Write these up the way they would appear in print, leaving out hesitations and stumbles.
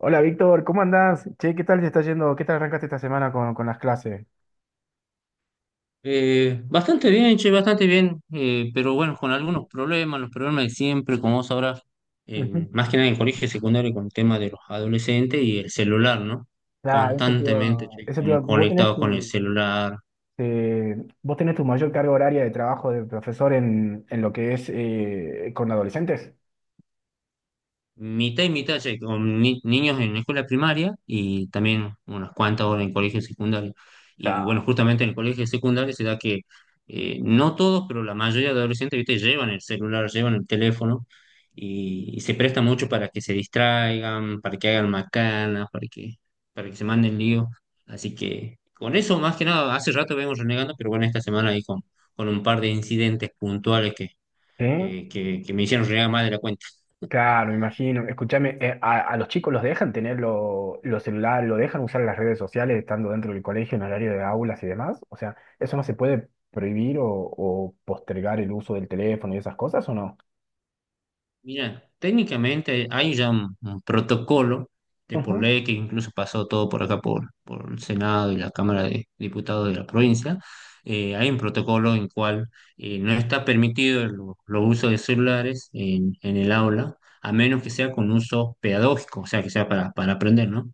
Hola Víctor, ¿cómo andás? Che, ¿qué tal te está yendo? ¿Qué tal arrancaste esta semana con las clases? Bastante bien, che, bastante bien, pero bueno, con algunos problemas, los problemas de siempre, como vos sabrás, Ujú. Más que nada en colegio secundario con el tema de los adolescentes y el celular, ¿no? Claro, Constantemente, che, conectados con el celular, eh, vos tenés tu mayor carga horaria de trabajo de profesor en lo que es con adolescentes. mitad y mitad, ya con niños en escuela primaria y también unas cuantas horas en colegio secundario. Y bueno, Claro. justamente en el colegio secundario se da que no todos, pero la mayoría de adolescentes, ¿viste? Llevan el celular, llevan el teléfono y se presta mucho para que se distraigan, para que hagan macanas, para que se manden lío. Así que con eso, más que nada, hace rato vengo renegando, pero bueno, esta semana ahí con un par de incidentes puntuales que, ¿Sí? que, que que me hicieron renegar más de la cuenta. Claro, me imagino. Escúchame, a los chicos los dejan tener los celulares, lo dejan usar las redes sociales estando dentro del colegio en horario de aulas y demás. O sea, ¿eso no se puede prohibir o postergar el uso del teléfono y esas cosas o no? Mira, técnicamente hay ya un protocolo de por Ujú. ley que incluso pasó todo por acá, por el Senado y la Cámara de Diputados de la provincia. Hay un protocolo en cual no está permitido los usos de celulares en el aula, a menos que sea con uso pedagógico, o sea, que sea para aprender, ¿no?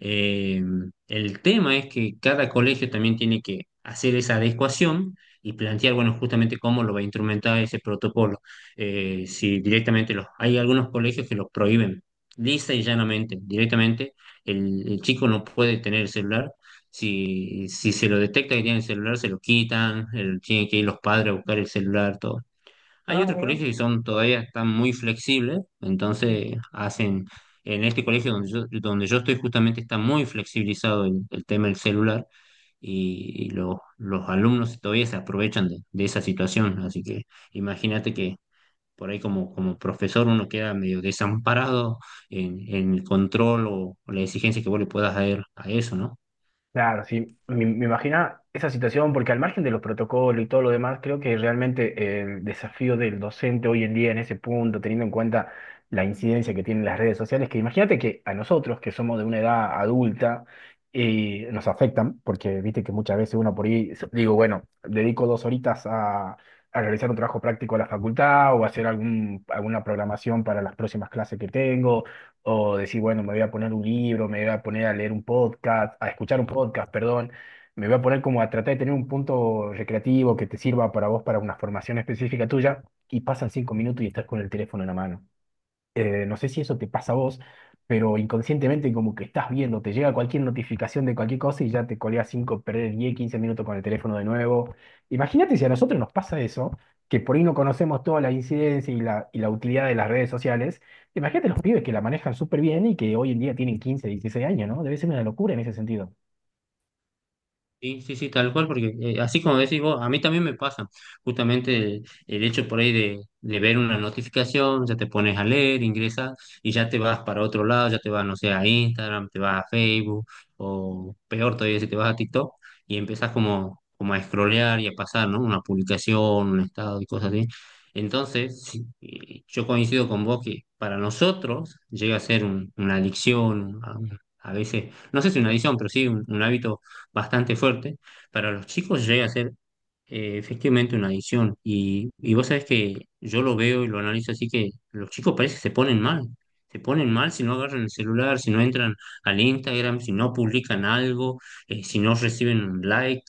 Eh, el tema es que cada colegio también tiene que hacer esa adecuación y plantear, bueno, justamente cómo lo va a instrumentar ese protocolo. Si directamente los, hay algunos colegios que los prohíben, lisa y llanamente, directamente el chico no puede tener el celular, si se lo detecta que tiene el celular, se lo quitan, tienen que ir los padres a buscar el celular, todo. Hay Ah, otros mira. colegios que son todavía están muy flexibles, entonces hacen, en este colegio donde donde yo estoy justamente está muy flexibilizado el tema del celular y, los alumnos todavía se aprovechan de esa situación. Así que imagínate que por ahí como profesor uno queda medio desamparado en el control o la exigencia que vos le puedas dar a eso, ¿no? Claro, sí, me imagina esa situación, porque al margen de los protocolos y todo lo demás, creo que realmente el desafío del docente hoy en día en ese punto, teniendo en cuenta la incidencia que tienen las redes sociales, que imagínate que a nosotros, que somos de una edad adulta, y nos afectan, porque viste que muchas veces uno por ahí, digo, bueno, dedico 2 horitas a realizar un trabajo práctico a la facultad o a hacer alguna programación para las próximas clases que tengo o decir, bueno, me voy a poner un libro, me voy a poner a leer un podcast, a escuchar un podcast, perdón, me voy a poner como a tratar de tener un punto recreativo que te sirva para vos, para una formación específica tuya, y pasan 5 minutos y estás con el teléfono en la mano no sé si eso te pasa a vos, pero inconscientemente como que estás viendo, te llega cualquier notificación de cualquier cosa y ya te colgas 5 perder 10 15 minutos con el teléfono de nuevo. Imagínate si a nosotros nos pasa eso, que por ahí no conocemos toda la incidencia y y la utilidad de las redes sociales. Imagínate los pibes que la manejan súper bien y que hoy en día tienen 15 16 años, ¿no? Debe ser una locura en ese sentido. Sí, sí, sí, tal cual, porque así como decís vos, a mí también me pasa justamente el hecho por ahí de ver una notificación, ya te pones a leer, ingresas y ya te vas para otro lado, ya te vas, no sé, a Instagram, te vas a Facebook o peor todavía si te vas a TikTok y empiezas como a scrollear y a pasar, ¿no? Una publicación, un estado y cosas así. Entonces, sí, yo coincido con vos que para nosotros llega a ser una adicción, a veces, no sé si una adicción, pero sí un hábito bastante fuerte, para los chicos llega a ser efectivamente una adicción. Y vos sabés que yo lo veo y lo analizo así que los chicos parece que se ponen mal. Se ponen mal si no agarran el celular, si no entran al Instagram, si no publican algo, si no reciben un like.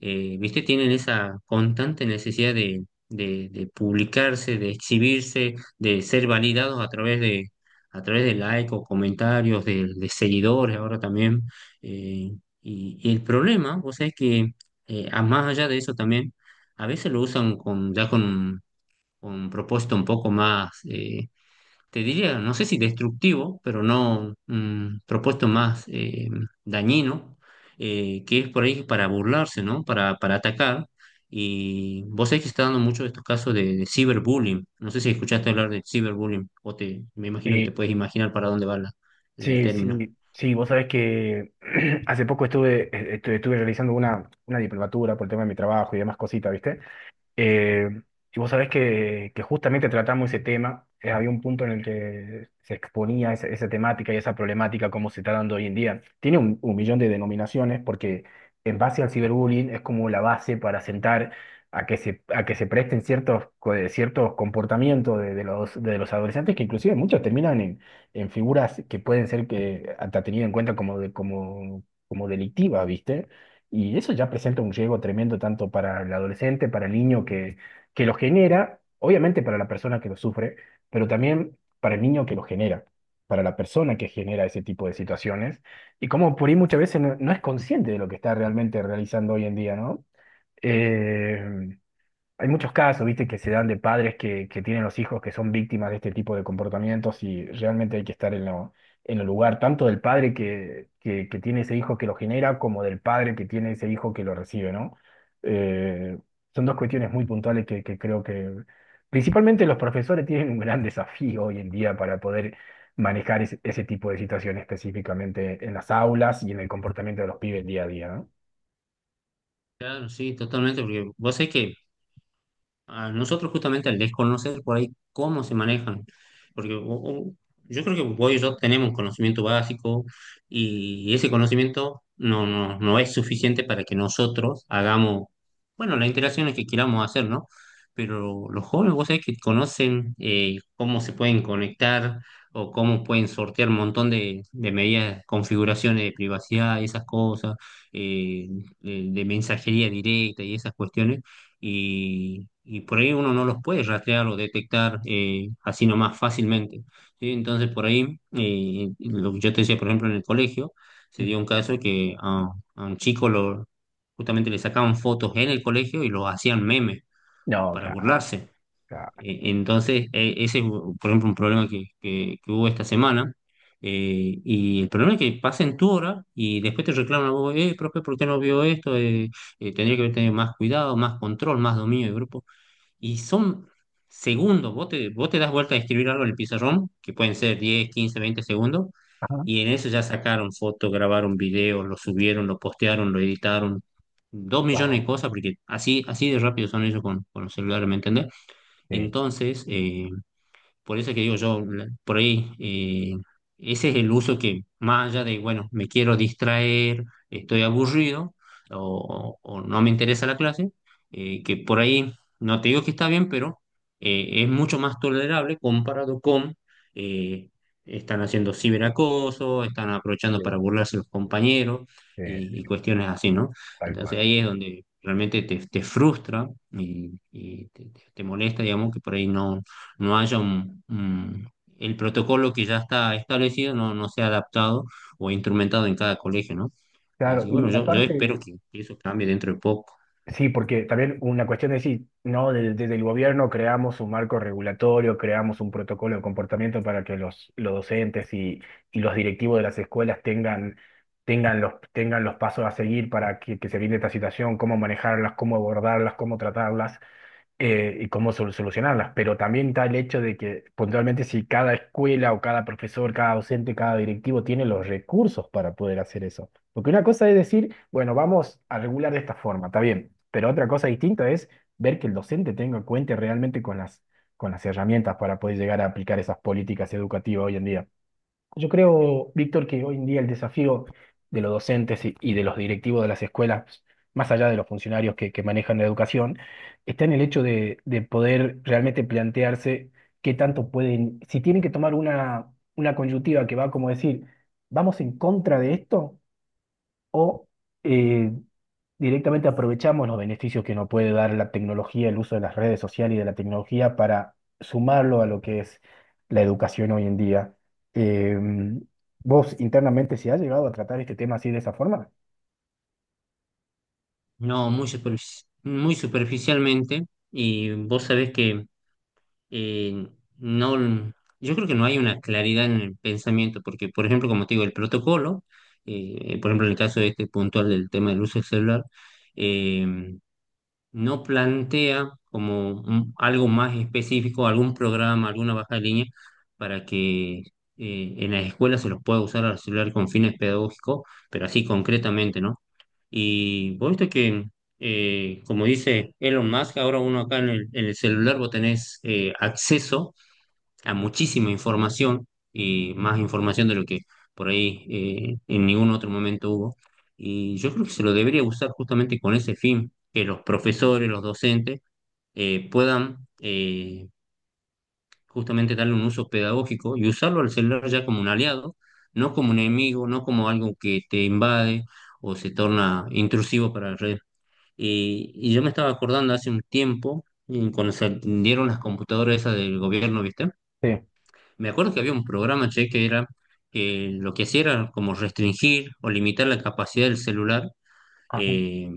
¿Viste? Tienen esa constante necesidad de publicarse, de exhibirse, de ser validados a través de like o comentarios, de seguidores ahora también. Eh, y, y el problema, vos sabés que más allá de eso también, a veces lo usan con un propósito un poco más, te diría, no sé si destructivo, pero no un propósito más dañino, que es por ahí para burlarse, ¿no? Para atacar. Y vos sabés que se está dando mucho de estos casos de ciberbullying. No sé si escuchaste hablar de ciberbullying o te, me imagino que Sí, te puedes imaginar para dónde va el sí, término. sí, sí, vos sabés que hace poco estuve realizando una diplomatura por el tema de mi trabajo y demás cositas, ¿viste? Eh, y vos sabés que, justamente tratamos ese tema, había un punto en el que se exponía esa, esa temática y esa problemática, cómo se está dando hoy en día. Tiene un millón de denominaciones porque en base al ciberbullying es como la base para sentar a que se presten ciertos comportamientos de los adolescentes que inclusive muchos terminan en figuras que pueden ser que, hasta tenidas en cuenta como delictivas, ¿viste? Y eso ya presenta un riesgo tremendo tanto para el adolescente, para el niño que, lo genera, obviamente para la persona que lo sufre, pero también para el niño que lo genera, para la persona que genera ese tipo de situaciones. Y como por ahí muchas veces no es consciente de lo que está realmente realizando hoy en día, ¿no? Eh, hay muchos casos, viste, que se dan de padres que, tienen los hijos que son víctimas de este tipo de comportamientos y realmente hay que estar en lo, en el lugar tanto del padre que tiene ese hijo que lo genera como del padre que tiene ese hijo que lo recibe, ¿no? Eh, son dos cuestiones muy puntuales que, creo que principalmente los profesores tienen un gran desafío hoy en día para poder manejar ese tipo de situaciones específicamente en las aulas y en el comportamiento de los pibes día a día, ¿no? Claro, sí, totalmente, porque vos sabés que a nosotros justamente al desconocer por ahí cómo se manejan, porque yo creo que vos y yo tenemos conocimiento básico y ese conocimiento no es suficiente para que nosotros hagamos, bueno, las interacciones que queramos hacer, ¿no? Pero los jóvenes, vos sabés que conocen cómo se pueden conectar o cómo pueden sortear un montón de medidas, configuraciones de privacidad, esas cosas, eh, de mensajería directa y esas cuestiones y por ahí uno no los puede rastrear o detectar así nomás fácilmente. ¿Sí? Entonces, por ahí, lo que yo te decía, por ejemplo, en el colegio, se dio un caso a un chico justamente le sacaban fotos en el colegio y lo hacían memes No, para claro, burlarse. claro. Entonces, ese es, por ejemplo, un problema que hubo esta semana. Y el problema es que pasen tu hora y después te reclaman a vos, profe, ¿por qué no vio esto? Tendría que haber tenido más cuidado, más control, más dominio de grupo. Y son segundos, vos te das vuelta a escribir algo en el pizarrón, que pueden ser 10 15 20 segundos, Ajá. y en eso ya sacaron fotos, grabaron videos, lo subieron, lo postearon, lo editaron, dos millones Wow. de cosas, porque así, así de rápido son ellos con los celulares, ¿me entendés? Sí. Entonces, por eso que digo yo, por ahí, ese es el uso que más allá de, bueno, me quiero distraer, estoy aburrido o no me interesa la clase, que por ahí, no te digo que está bien, pero es mucho más tolerable comparado con, eh, están haciendo ciberacoso, están aprovechando para burlarse los compañeros eh, y cuestiones así, ¿no? tal Entonces cual. ahí es donde realmente te frustra y, y te molesta, digamos, que por ahí no haya el protocolo que ya está establecido no sea adaptado o instrumentado en cada colegio, ¿no? Claro, Así que y bueno, yo aparte, espero que eso cambie dentro de poco. sí, porque también una cuestión es decir, no, desde el gobierno creamos un marco regulatorio, creamos un protocolo de comportamiento para que los docentes y los directivos de las escuelas tengan los pasos a seguir para que, se evite esta situación, cómo manejarlas, cómo abordarlas, cómo tratarlas. Y cómo solucionarlas, pero también está el hecho de que puntualmente si cada escuela o cada profesor, cada docente, cada directivo tiene los recursos para poder hacer eso. Porque una cosa es decir, bueno, vamos a regular de esta forma, está bien, pero otra cosa distinta es ver que el docente cuente realmente con las herramientas para poder llegar a aplicar esas políticas educativas hoy en día. Yo creo, Víctor, que hoy en día el desafío de los docentes y de los directivos de las escuelas, más allá de los funcionarios que, manejan la educación, está en el hecho de poder realmente plantearse qué tanto pueden, si tienen que tomar una coyuntiva que va como decir, vamos en contra de esto o eh, directamente aprovechamos los beneficios que nos puede dar la tecnología, el uso de las redes sociales y de la tecnología para sumarlo a lo que es la educación hoy en día. Eh, ¿Vos internamente si has llegado a tratar este tema así de esa forma? No, muy superficialmente, y vos sabés que eh, no, yo creo que no hay una claridad en el pensamiento, porque por ejemplo, como te digo, el protocolo, por ejemplo, en el caso de este puntual del tema del uso del celular, eh, no plantea como algo más específico, algún programa, alguna baja de línea, para que en las escuelas se los pueda usar al celular con fines pedagógicos, pero así concretamente, ¿no? Y vos viste que, como dice Elon Musk, ahora uno acá en en el celular vos tenés acceso a muchísima información y más información de lo que por ahí en ningún otro momento hubo. Y yo creo que se lo debería usar justamente con ese fin, que los profesores, los docentes puedan justamente darle un uso pedagógico y usarlo al celular ya como un aliado, no como un enemigo, no como algo que te invade o se torna intrusivo para la red. Y yo me estaba acordando hace un tiempo, cuando salieron las computadoras esas del gobierno, ¿viste? Sí. Me acuerdo que había un programa, che, que era que lo que hacía era como restringir o limitar la capacidad del celular Ajá. eh,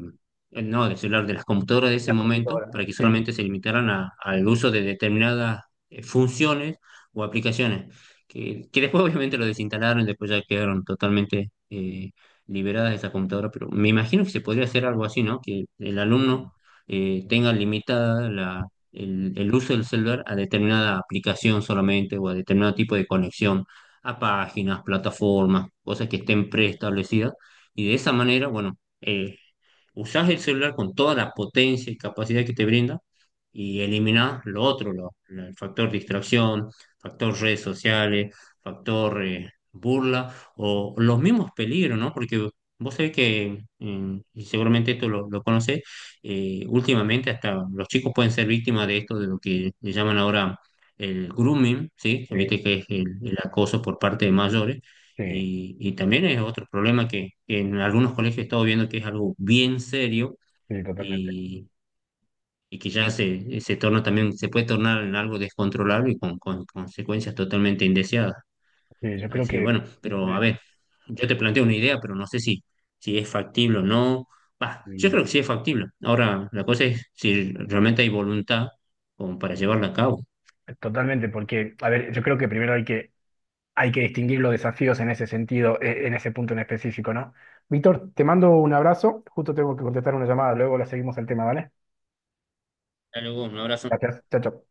no del celular, de las computadoras de ese La momento, computadora. para que Sí. solamente se limitaran al uso de determinadas funciones o aplicaciones, que después obviamente lo desinstalaron y después ya quedaron totalmente liberadas de esa computadora, pero me imagino que se podría hacer algo así, ¿no? Que el alumno tenga limitada la... El uso del celular a determinada aplicación solamente o a determinado tipo de conexión a páginas, plataformas, cosas que estén preestablecidas y de esa manera, bueno, eh, usás el celular con toda la potencia y capacidad que te brinda y eliminás lo otro, el factor distracción, factor redes sociales, factor burla o los mismos peligros, ¿no? Porque vos sabés que, y seguramente esto lo conocés, últimamente hasta los chicos pueden ser víctimas de esto, de lo que le llaman ahora el grooming, ¿sí? Sí, Viste que es el acoso por parte de mayores sí, y también es otro problema que en algunos colegios he estado viendo que es algo bien serio sí, totalmente. y, y que ya se torna también, se puede tornar en algo descontrolable y con consecuencias totalmente indeseadas. Sí, yo creo Así que que, bueno, pero a ver, yo te planteo una idea, pero no sé si es factible o no. Bah, yo y- creo que sí es factible. Ahora, la cosa es si realmente hay voluntad como para llevarla a cabo. totalmente, porque, a ver, yo creo que primero hay que distinguir los desafíos en ese sentido, en ese punto en específico, ¿no? Víctor, te mando un abrazo. Justo tengo que contestar una llamada. Luego la seguimos el tema, ¿vale? Hasta luego, un abrazo. Gracias. Chao, chao.